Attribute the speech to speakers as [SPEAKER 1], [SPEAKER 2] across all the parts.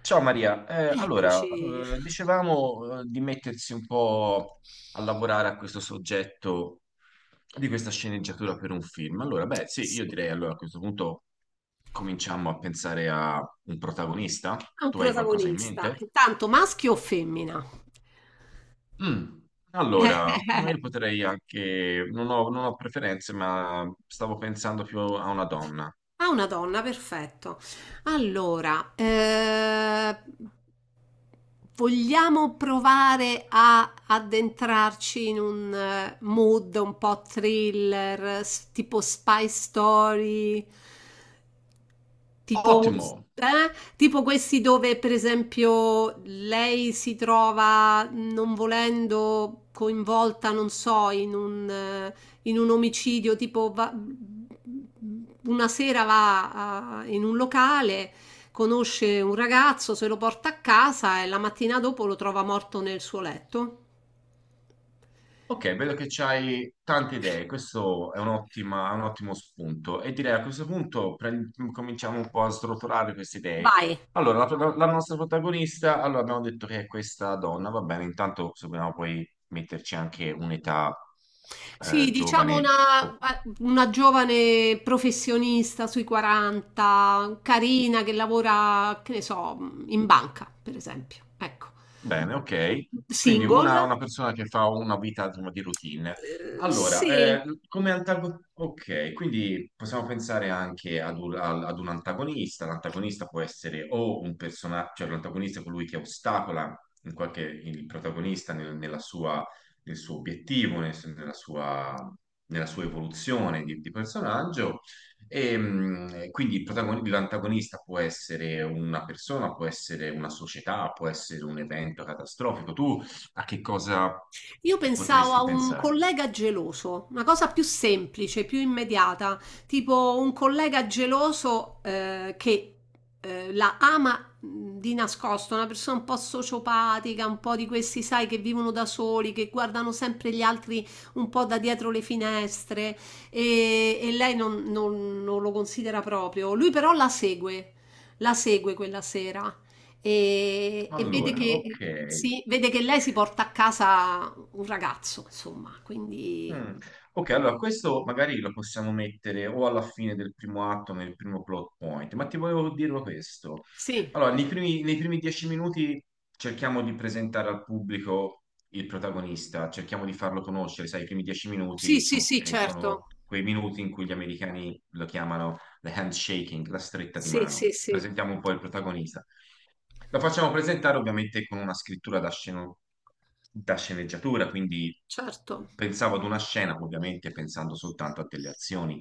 [SPEAKER 1] Ciao Maria,
[SPEAKER 2] Eccoci.
[SPEAKER 1] dicevamo di mettersi un po' a lavorare a questo soggetto di questa sceneggiatura per un film. Allora, beh, sì, io
[SPEAKER 2] Sì.
[SPEAKER 1] direi allora a questo punto cominciamo a pensare a un protagonista.
[SPEAKER 2] Ha un
[SPEAKER 1] Tu hai qualcosa in
[SPEAKER 2] protagonista.
[SPEAKER 1] mente?
[SPEAKER 2] Intanto maschio o femmina?
[SPEAKER 1] Mm. Allora, ma io potrei anche, non ho preferenze, ma stavo pensando più a una donna.
[SPEAKER 2] Ah, una donna, perfetto. Allora, vogliamo provare a addentrarci in un mood un po' thriller, tipo spy story, tipo,
[SPEAKER 1] Ottimo!
[SPEAKER 2] eh, tipo questi dove, per esempio, lei si trova non volendo coinvolta, non so, in un in un omicidio, una sera in un locale, conosce un ragazzo, se lo porta a casa e la mattina dopo lo trova morto nel suo letto.
[SPEAKER 1] Ok, vedo che c'hai tante idee, questo è un ottimo spunto e direi a questo punto cominciamo un po' a srotolare queste idee.
[SPEAKER 2] Vai.
[SPEAKER 1] Allora, la nostra protagonista, allora abbiamo detto che è questa donna, va bene, intanto se vogliamo poi metterci anche un'età
[SPEAKER 2] Sì, diciamo
[SPEAKER 1] giovane.
[SPEAKER 2] una giovane professionista sui 40, carina, che lavora, che ne so, in banca, per esempio. Ecco.
[SPEAKER 1] Bene, ok. Quindi
[SPEAKER 2] Single?
[SPEAKER 1] una persona che fa una vita insomma, di routine. Allora,
[SPEAKER 2] Sì.
[SPEAKER 1] come antagonista, ok, quindi possiamo pensare anche ad un antagonista. L'antagonista può essere o un personaggio, cioè l'antagonista è colui che ostacola in qualche, il protagonista nella sua, nella sua, nella sua evoluzione di personaggio, e, quindi l'antagonista può essere una persona, può essere una società, può essere un evento catastrofico. Tu a che cosa
[SPEAKER 2] Io pensavo a
[SPEAKER 1] potresti
[SPEAKER 2] un
[SPEAKER 1] pensare?
[SPEAKER 2] collega geloso, una cosa più semplice, più immediata, tipo un collega geloso che la ama di nascosto, una persona un po' sociopatica, un po' di questi, sai, che vivono da soli, che guardano sempre gli altri un po' da dietro le finestre e lei non lo considera proprio. Lui però la segue quella sera e vede
[SPEAKER 1] Allora,
[SPEAKER 2] che...
[SPEAKER 1] ok.
[SPEAKER 2] Sì, vede che lei si porta a casa un ragazzo, insomma, quindi
[SPEAKER 1] Mm. Ok, allora questo magari lo possiamo mettere o alla fine del primo atto, nel primo plot point, ma ti volevo dirlo questo.
[SPEAKER 2] sì.
[SPEAKER 1] Allora, nei primi 10 minuti cerchiamo di presentare al pubblico il protagonista, cerchiamo di farlo conoscere, sai, i primi dieci
[SPEAKER 2] Sì, sì, sì, certo.
[SPEAKER 1] sono quei minuti in cui gli americani lo chiamano the handshaking, la stretta di
[SPEAKER 2] Sì,
[SPEAKER 1] mano.
[SPEAKER 2] sì, sì,
[SPEAKER 1] Presentiamo un po' il protagonista. La facciamo presentare ovviamente con una scrittura da sceneggiatura, quindi
[SPEAKER 2] certo.
[SPEAKER 1] pensavo ad una scena, ovviamente pensando soltanto a delle azioni,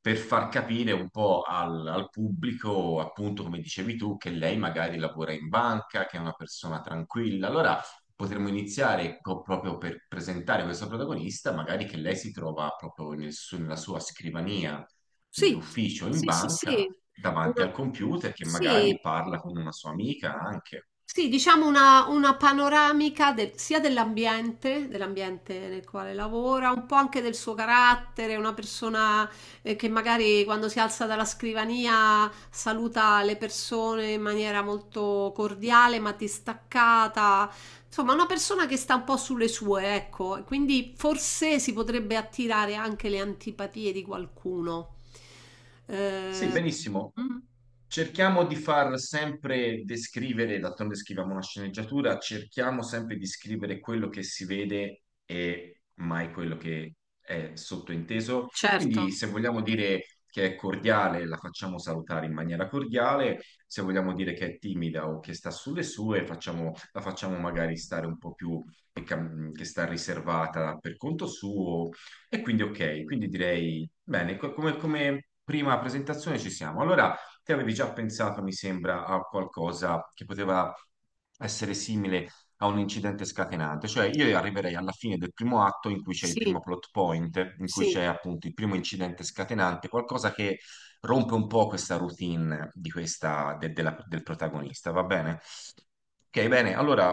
[SPEAKER 1] per far capire un po' al pubblico, appunto come dicevi tu, che lei magari lavora in banca, che è una persona tranquilla. Allora potremmo iniziare proprio per presentare questo protagonista, magari che lei si trova proprio nella sua scrivania,
[SPEAKER 2] Sì,
[SPEAKER 1] nell'ufficio, in
[SPEAKER 2] sì, sì,
[SPEAKER 1] banca
[SPEAKER 2] sì.
[SPEAKER 1] davanti
[SPEAKER 2] Una-
[SPEAKER 1] al computer che
[SPEAKER 2] Sì.
[SPEAKER 1] magari parla con una sua amica anche.
[SPEAKER 2] Sì, diciamo una panoramica sia dell'ambiente, dell'ambiente nel quale lavora, un po' anche del suo carattere, una persona che magari quando si alza dalla scrivania saluta le persone in maniera molto cordiale ma distaccata, insomma una persona che sta un po' sulle sue, ecco, e quindi forse si potrebbe attirare anche le antipatie di qualcuno.
[SPEAKER 1] Sì,
[SPEAKER 2] Eh,
[SPEAKER 1] benissimo.
[SPEAKER 2] Sì. Mm,
[SPEAKER 1] Cerchiamo di far sempre descrivere, d'altronde scriviamo una sceneggiatura, cerchiamo sempre di scrivere quello che si vede e mai quello che è sottointeso.
[SPEAKER 2] certo,
[SPEAKER 1] Quindi se vogliamo dire che è cordiale, la facciamo salutare in maniera cordiale, se vogliamo dire che è timida o che sta sulle sue, la facciamo magari stare un po' più che sta riservata per conto suo. E quindi ok, quindi direi, bene, come prima presentazione ci siamo. Allora, Te avevi già pensato, mi sembra, a qualcosa che poteva essere simile a un incidente scatenante, cioè io arriverei alla fine del primo atto in cui c'è il primo
[SPEAKER 2] sì,
[SPEAKER 1] plot point, in cui
[SPEAKER 2] sì.
[SPEAKER 1] c'è appunto il primo incidente scatenante, qualcosa che rompe un po' questa routine di questa, del protagonista, va bene? Ok, bene, allora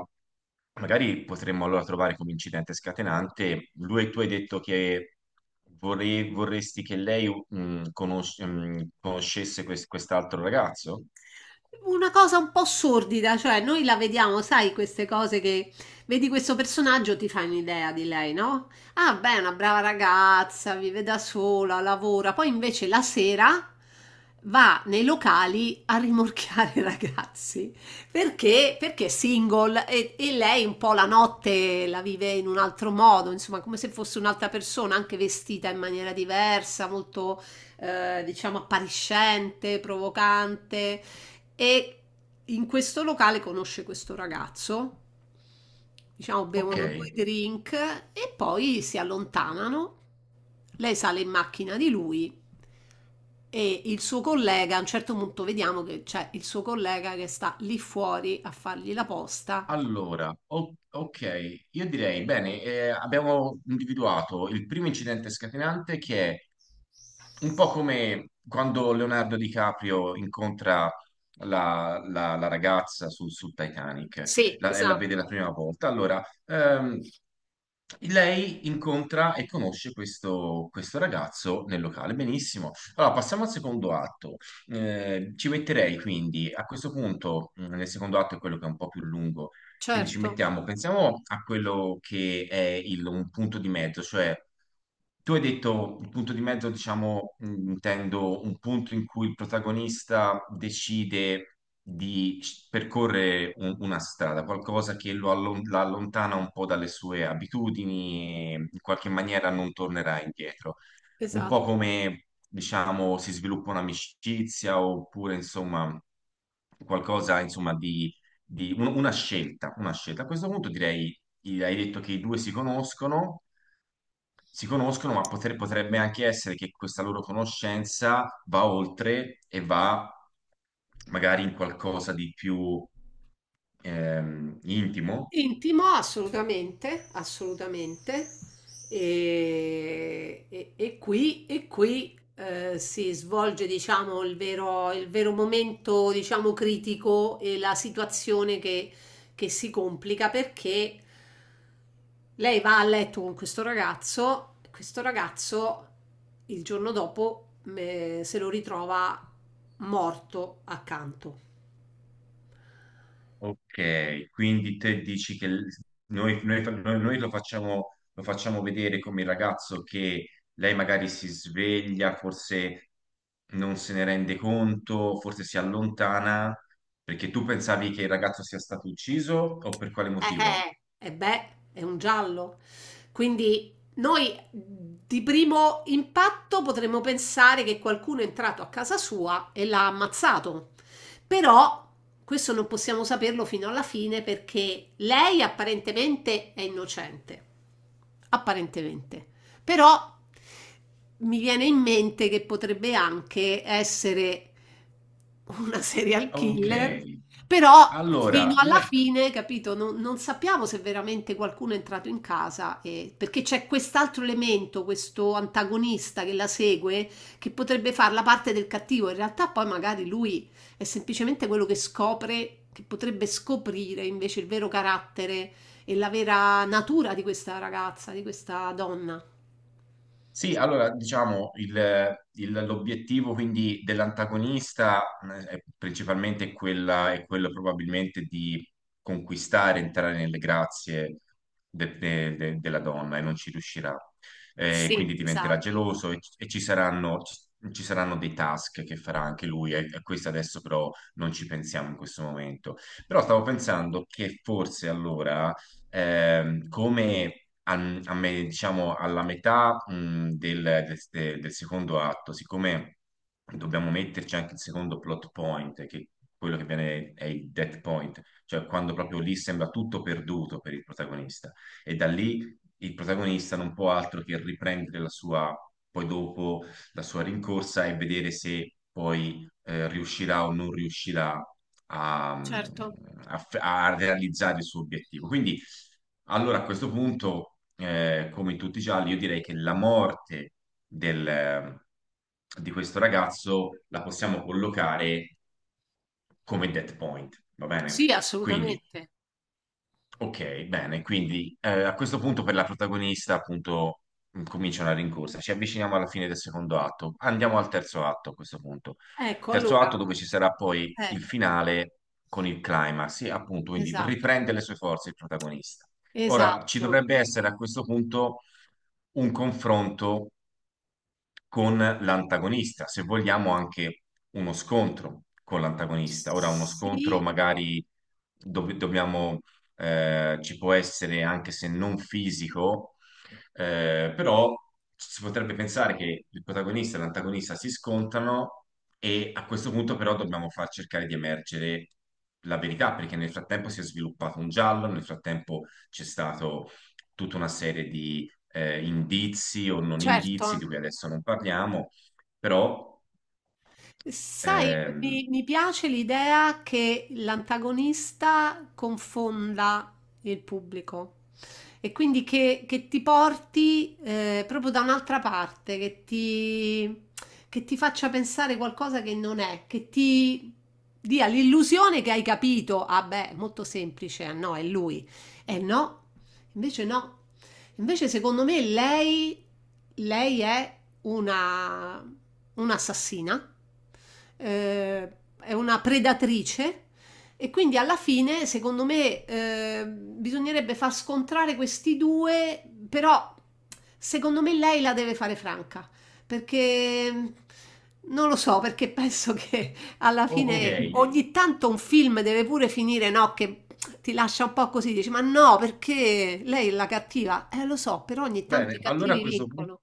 [SPEAKER 1] magari potremmo allora trovare come incidente scatenante, lui, tu hai detto che vorresti che lei conoscesse quest'altro ragazzo?
[SPEAKER 2] Una cosa un po' sordida, cioè noi la vediamo, sai, queste cose che vedi questo personaggio, ti fai un'idea di lei, no? Ah, beh, è una brava ragazza, vive da sola, lavora, poi invece la sera va nei locali a rimorchiare i ragazzi perché è single e lei un po' la notte la vive in un altro modo, insomma, come se fosse un'altra persona, anche vestita in maniera diversa, molto diciamo appariscente, provocante. E in questo locale conosce questo ragazzo, diciamo
[SPEAKER 1] Ok,
[SPEAKER 2] bevono Ok. due drink e poi si allontanano. Lei sale in macchina di lui e il suo collega, a un certo punto vediamo che c'è il suo collega che sta lì fuori a fargli la posta.
[SPEAKER 1] allora, ok, io direi, bene, abbiamo individuato il primo incidente scatenante che è un po' come quando Leonardo DiCaprio incontra la ragazza sul Titanic,
[SPEAKER 2] Sì,
[SPEAKER 1] e la vede
[SPEAKER 2] esatto.
[SPEAKER 1] la prima volta. Allora, lei incontra e conosce questo ragazzo nel locale. Benissimo. Allora, passiamo al secondo atto. Ci metterei quindi a questo punto, nel secondo atto è quello che è un po' più lungo, quindi ci
[SPEAKER 2] Certo,
[SPEAKER 1] mettiamo, pensiamo a quello che è un punto di mezzo, cioè. Tu hai detto il punto di mezzo, diciamo, intendo un punto in cui il protagonista decide percorrere una strada, qualcosa che la allontana un po' dalle sue abitudini e in qualche maniera non tornerà indietro. Un po'
[SPEAKER 2] esatto.
[SPEAKER 1] come, diciamo, si sviluppa un'amicizia oppure, insomma, qualcosa, insomma, di, una scelta, una scelta. A questo punto direi, hai detto che i due si conoscono, si conoscono, ma potrebbe anche essere che questa loro conoscenza va oltre e va magari in qualcosa di più intimo.
[SPEAKER 2] Intimo, assolutamente, assolutamente. E qui si svolge, diciamo, il vero momento, diciamo, critico e la situazione che si complica perché lei va a letto con questo ragazzo il giorno dopo se lo ritrova morto accanto.
[SPEAKER 1] Ok, quindi te dici che noi lo facciamo vedere come il ragazzo che lei magari si sveglia, forse non se ne rende conto, forse si allontana. Perché tu pensavi che il ragazzo sia stato ucciso o per quale motivo?
[SPEAKER 2] Beh, è un giallo. Quindi noi di primo impatto potremmo pensare che qualcuno è entrato a casa sua e l'ha ammazzato. Però questo non possiamo saperlo fino alla fine perché lei apparentemente è innocente. Apparentemente. Però mi viene in mente che potrebbe anche essere una serial
[SPEAKER 1] Ok,
[SPEAKER 2] killer, però
[SPEAKER 1] allora,
[SPEAKER 2] fino alla fine, capito, non sappiamo se veramente qualcuno è entrato in casa, perché c'è quest'altro elemento, questo antagonista che la segue, che potrebbe fare la parte del cattivo. In realtà poi magari lui è semplicemente quello che scopre, che potrebbe scoprire invece il vero carattere e la vera natura di questa ragazza, di questa donna.
[SPEAKER 1] sì, allora diciamo l'obiettivo quindi dell'antagonista è principalmente quella, è quello probabilmente di conquistare, entrare nelle grazie della donna e non ci riuscirà.
[SPEAKER 2] Sì,
[SPEAKER 1] Quindi diventerà
[SPEAKER 2] esatto,
[SPEAKER 1] geloso e ci saranno, ci saranno dei task che farà anche lui, e questo adesso però non ci pensiamo in questo momento. Però stavo pensando che forse allora come diciamo alla metà del secondo atto, siccome dobbiamo metterci anche il secondo plot point, che è quello che viene è il dead point, cioè quando proprio lì sembra tutto perduto per il protagonista, e da lì il protagonista non può altro che riprendere la sua, poi dopo la sua rincorsa e vedere se poi riuscirà o non riuscirà a, mm,
[SPEAKER 2] certo.
[SPEAKER 1] a f- a realizzare il suo obiettivo. Quindi, allora a questo punto, come in tutti i gialli, io direi che la morte del- mm, di questo ragazzo la possiamo collocare come dead point, va bene?
[SPEAKER 2] Sì,
[SPEAKER 1] Quindi
[SPEAKER 2] assolutamente.
[SPEAKER 1] ok, bene, quindi a questo punto per la protagonista appunto comincia una rincorsa, ci avviciniamo alla fine del secondo atto, andiamo al terzo atto a questo punto,
[SPEAKER 2] Ecco,
[SPEAKER 1] terzo
[SPEAKER 2] allora,
[SPEAKER 1] atto dove ci sarà poi
[SPEAKER 2] eh,
[SPEAKER 1] il finale con il climax, e appunto quindi
[SPEAKER 2] esatto,
[SPEAKER 1] riprende le sue forze il protagonista. Ora ci
[SPEAKER 2] esatto.
[SPEAKER 1] dovrebbe essere a questo punto un confronto con l'antagonista, se vogliamo anche uno scontro con l'antagonista. Ora, uno scontro
[SPEAKER 2] Sì,
[SPEAKER 1] magari dove dobbiamo, ci può essere anche se non fisico, però si potrebbe pensare che il protagonista e l'antagonista si scontrano e a questo punto però dobbiamo far cercare di emergere la verità, perché nel frattempo si è sviluppato un giallo, nel frattempo c'è stato tutta una serie di indizi o non indizi,
[SPEAKER 2] certo.
[SPEAKER 1] di cui adesso non parliamo, però
[SPEAKER 2] Sai,
[SPEAKER 1] ehm,
[SPEAKER 2] mi piace l'idea che l'antagonista confonda il pubblico e quindi che ti porti proprio da un'altra parte, che ti faccia pensare qualcosa che non è, che ti dia l'illusione che hai capito. Ah, beh, molto semplice, ah no, è lui. Eh no, invece no. Invece secondo me lei è una un'assassina, eh, è una predatrice e quindi alla fine, secondo me, bisognerebbe far scontrare questi due, però secondo me lei la deve fare franca, perché non lo so, perché penso che alla
[SPEAKER 1] ok,
[SPEAKER 2] fine ogni tanto un film deve pure finire, no, che ti lascia un po' così, dici, ma no, perché lei è la cattiva? Lo so, però ogni tanto i
[SPEAKER 1] bene, allora a
[SPEAKER 2] cattivi
[SPEAKER 1] questo punto.
[SPEAKER 2] vincono.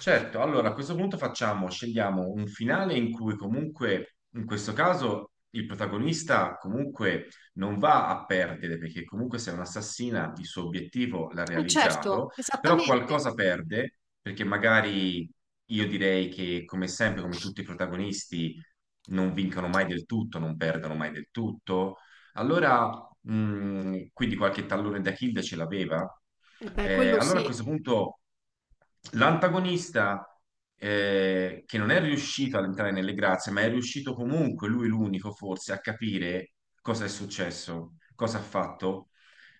[SPEAKER 1] Certo, allora a questo punto facciamo, scegliamo un finale in cui comunque, in questo caso, il protagonista comunque non va a perdere, perché comunque se è un'assassina il suo obiettivo l'ha
[SPEAKER 2] Eh certo,
[SPEAKER 1] realizzato, però
[SPEAKER 2] esattamente.
[SPEAKER 1] qualcosa perde, perché magari io direi che come sempre, come tutti i protagonisti, non vincono mai del tutto, non perdono mai del tutto. Allora, quindi qualche tallone da kill ce l'aveva?
[SPEAKER 2] Eh beh, quello
[SPEAKER 1] Allora a
[SPEAKER 2] sì,
[SPEAKER 1] questo punto l'antagonista che non è riuscito ad entrare nelle grazie, ma è riuscito comunque, lui l'unico forse, a capire cosa è successo, cosa ha fatto.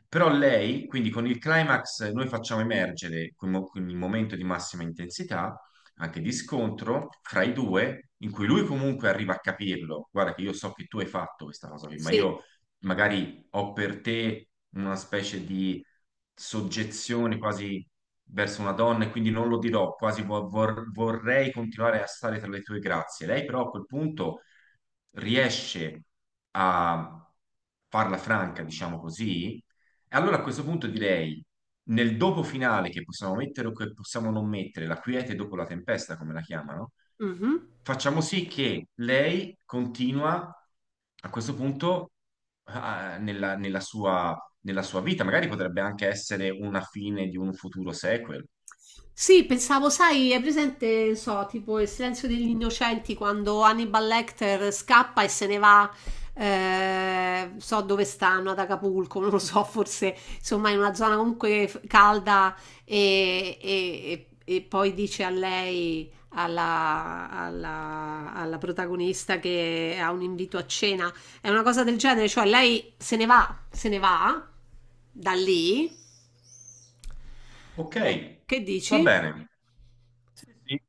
[SPEAKER 1] Però lei, quindi con il climax noi facciamo emergere quel momento di massima intensità, anche di scontro fra i due, in cui lui comunque arriva a capirlo. Guarda che io so che tu hai fatto questa cosa qui, ma
[SPEAKER 2] sì.
[SPEAKER 1] io magari ho per te una specie di soggezione quasi verso una donna e quindi non lo dirò, quasi vorrei continuare a stare tra le tue grazie. Lei però a quel punto riesce a farla franca, diciamo così, e allora a questo punto direi, nel dopo finale che possiamo mettere o che possiamo non mettere, la quiete dopo la tempesta, come la chiamano,
[SPEAKER 2] Mhm.
[SPEAKER 1] facciamo sì che lei continua a questo punto nella sua vita, magari potrebbe anche essere una fine di un futuro sequel.
[SPEAKER 2] Sì, pensavo, sai, è presente, non so, tipo il silenzio degli innocenti quando Hannibal Lecter scappa e se ne va, so dove stanno, ad Acapulco, non lo so, forse insomma in una zona comunque calda e, e poi dice a lei, alla protagonista che ha un invito a cena. È una cosa del genere, cioè lei se ne va, se ne va da lì.
[SPEAKER 1] Ok,
[SPEAKER 2] Eh, Che
[SPEAKER 1] va
[SPEAKER 2] dici?
[SPEAKER 1] bene. Sì, sì.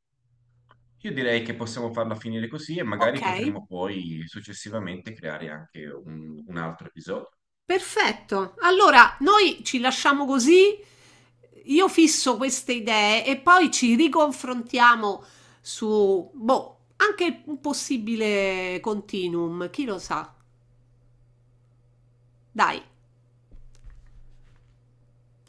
[SPEAKER 1] Io direi che possiamo farla finire così e
[SPEAKER 2] Ok,
[SPEAKER 1] magari potremo poi successivamente creare anche un altro episodio.
[SPEAKER 2] perfetto. Allora, noi ci lasciamo così. Io fisso queste idee e poi ci riconfrontiamo su, boh, anche un possibile continuum, chi lo sa. Dai.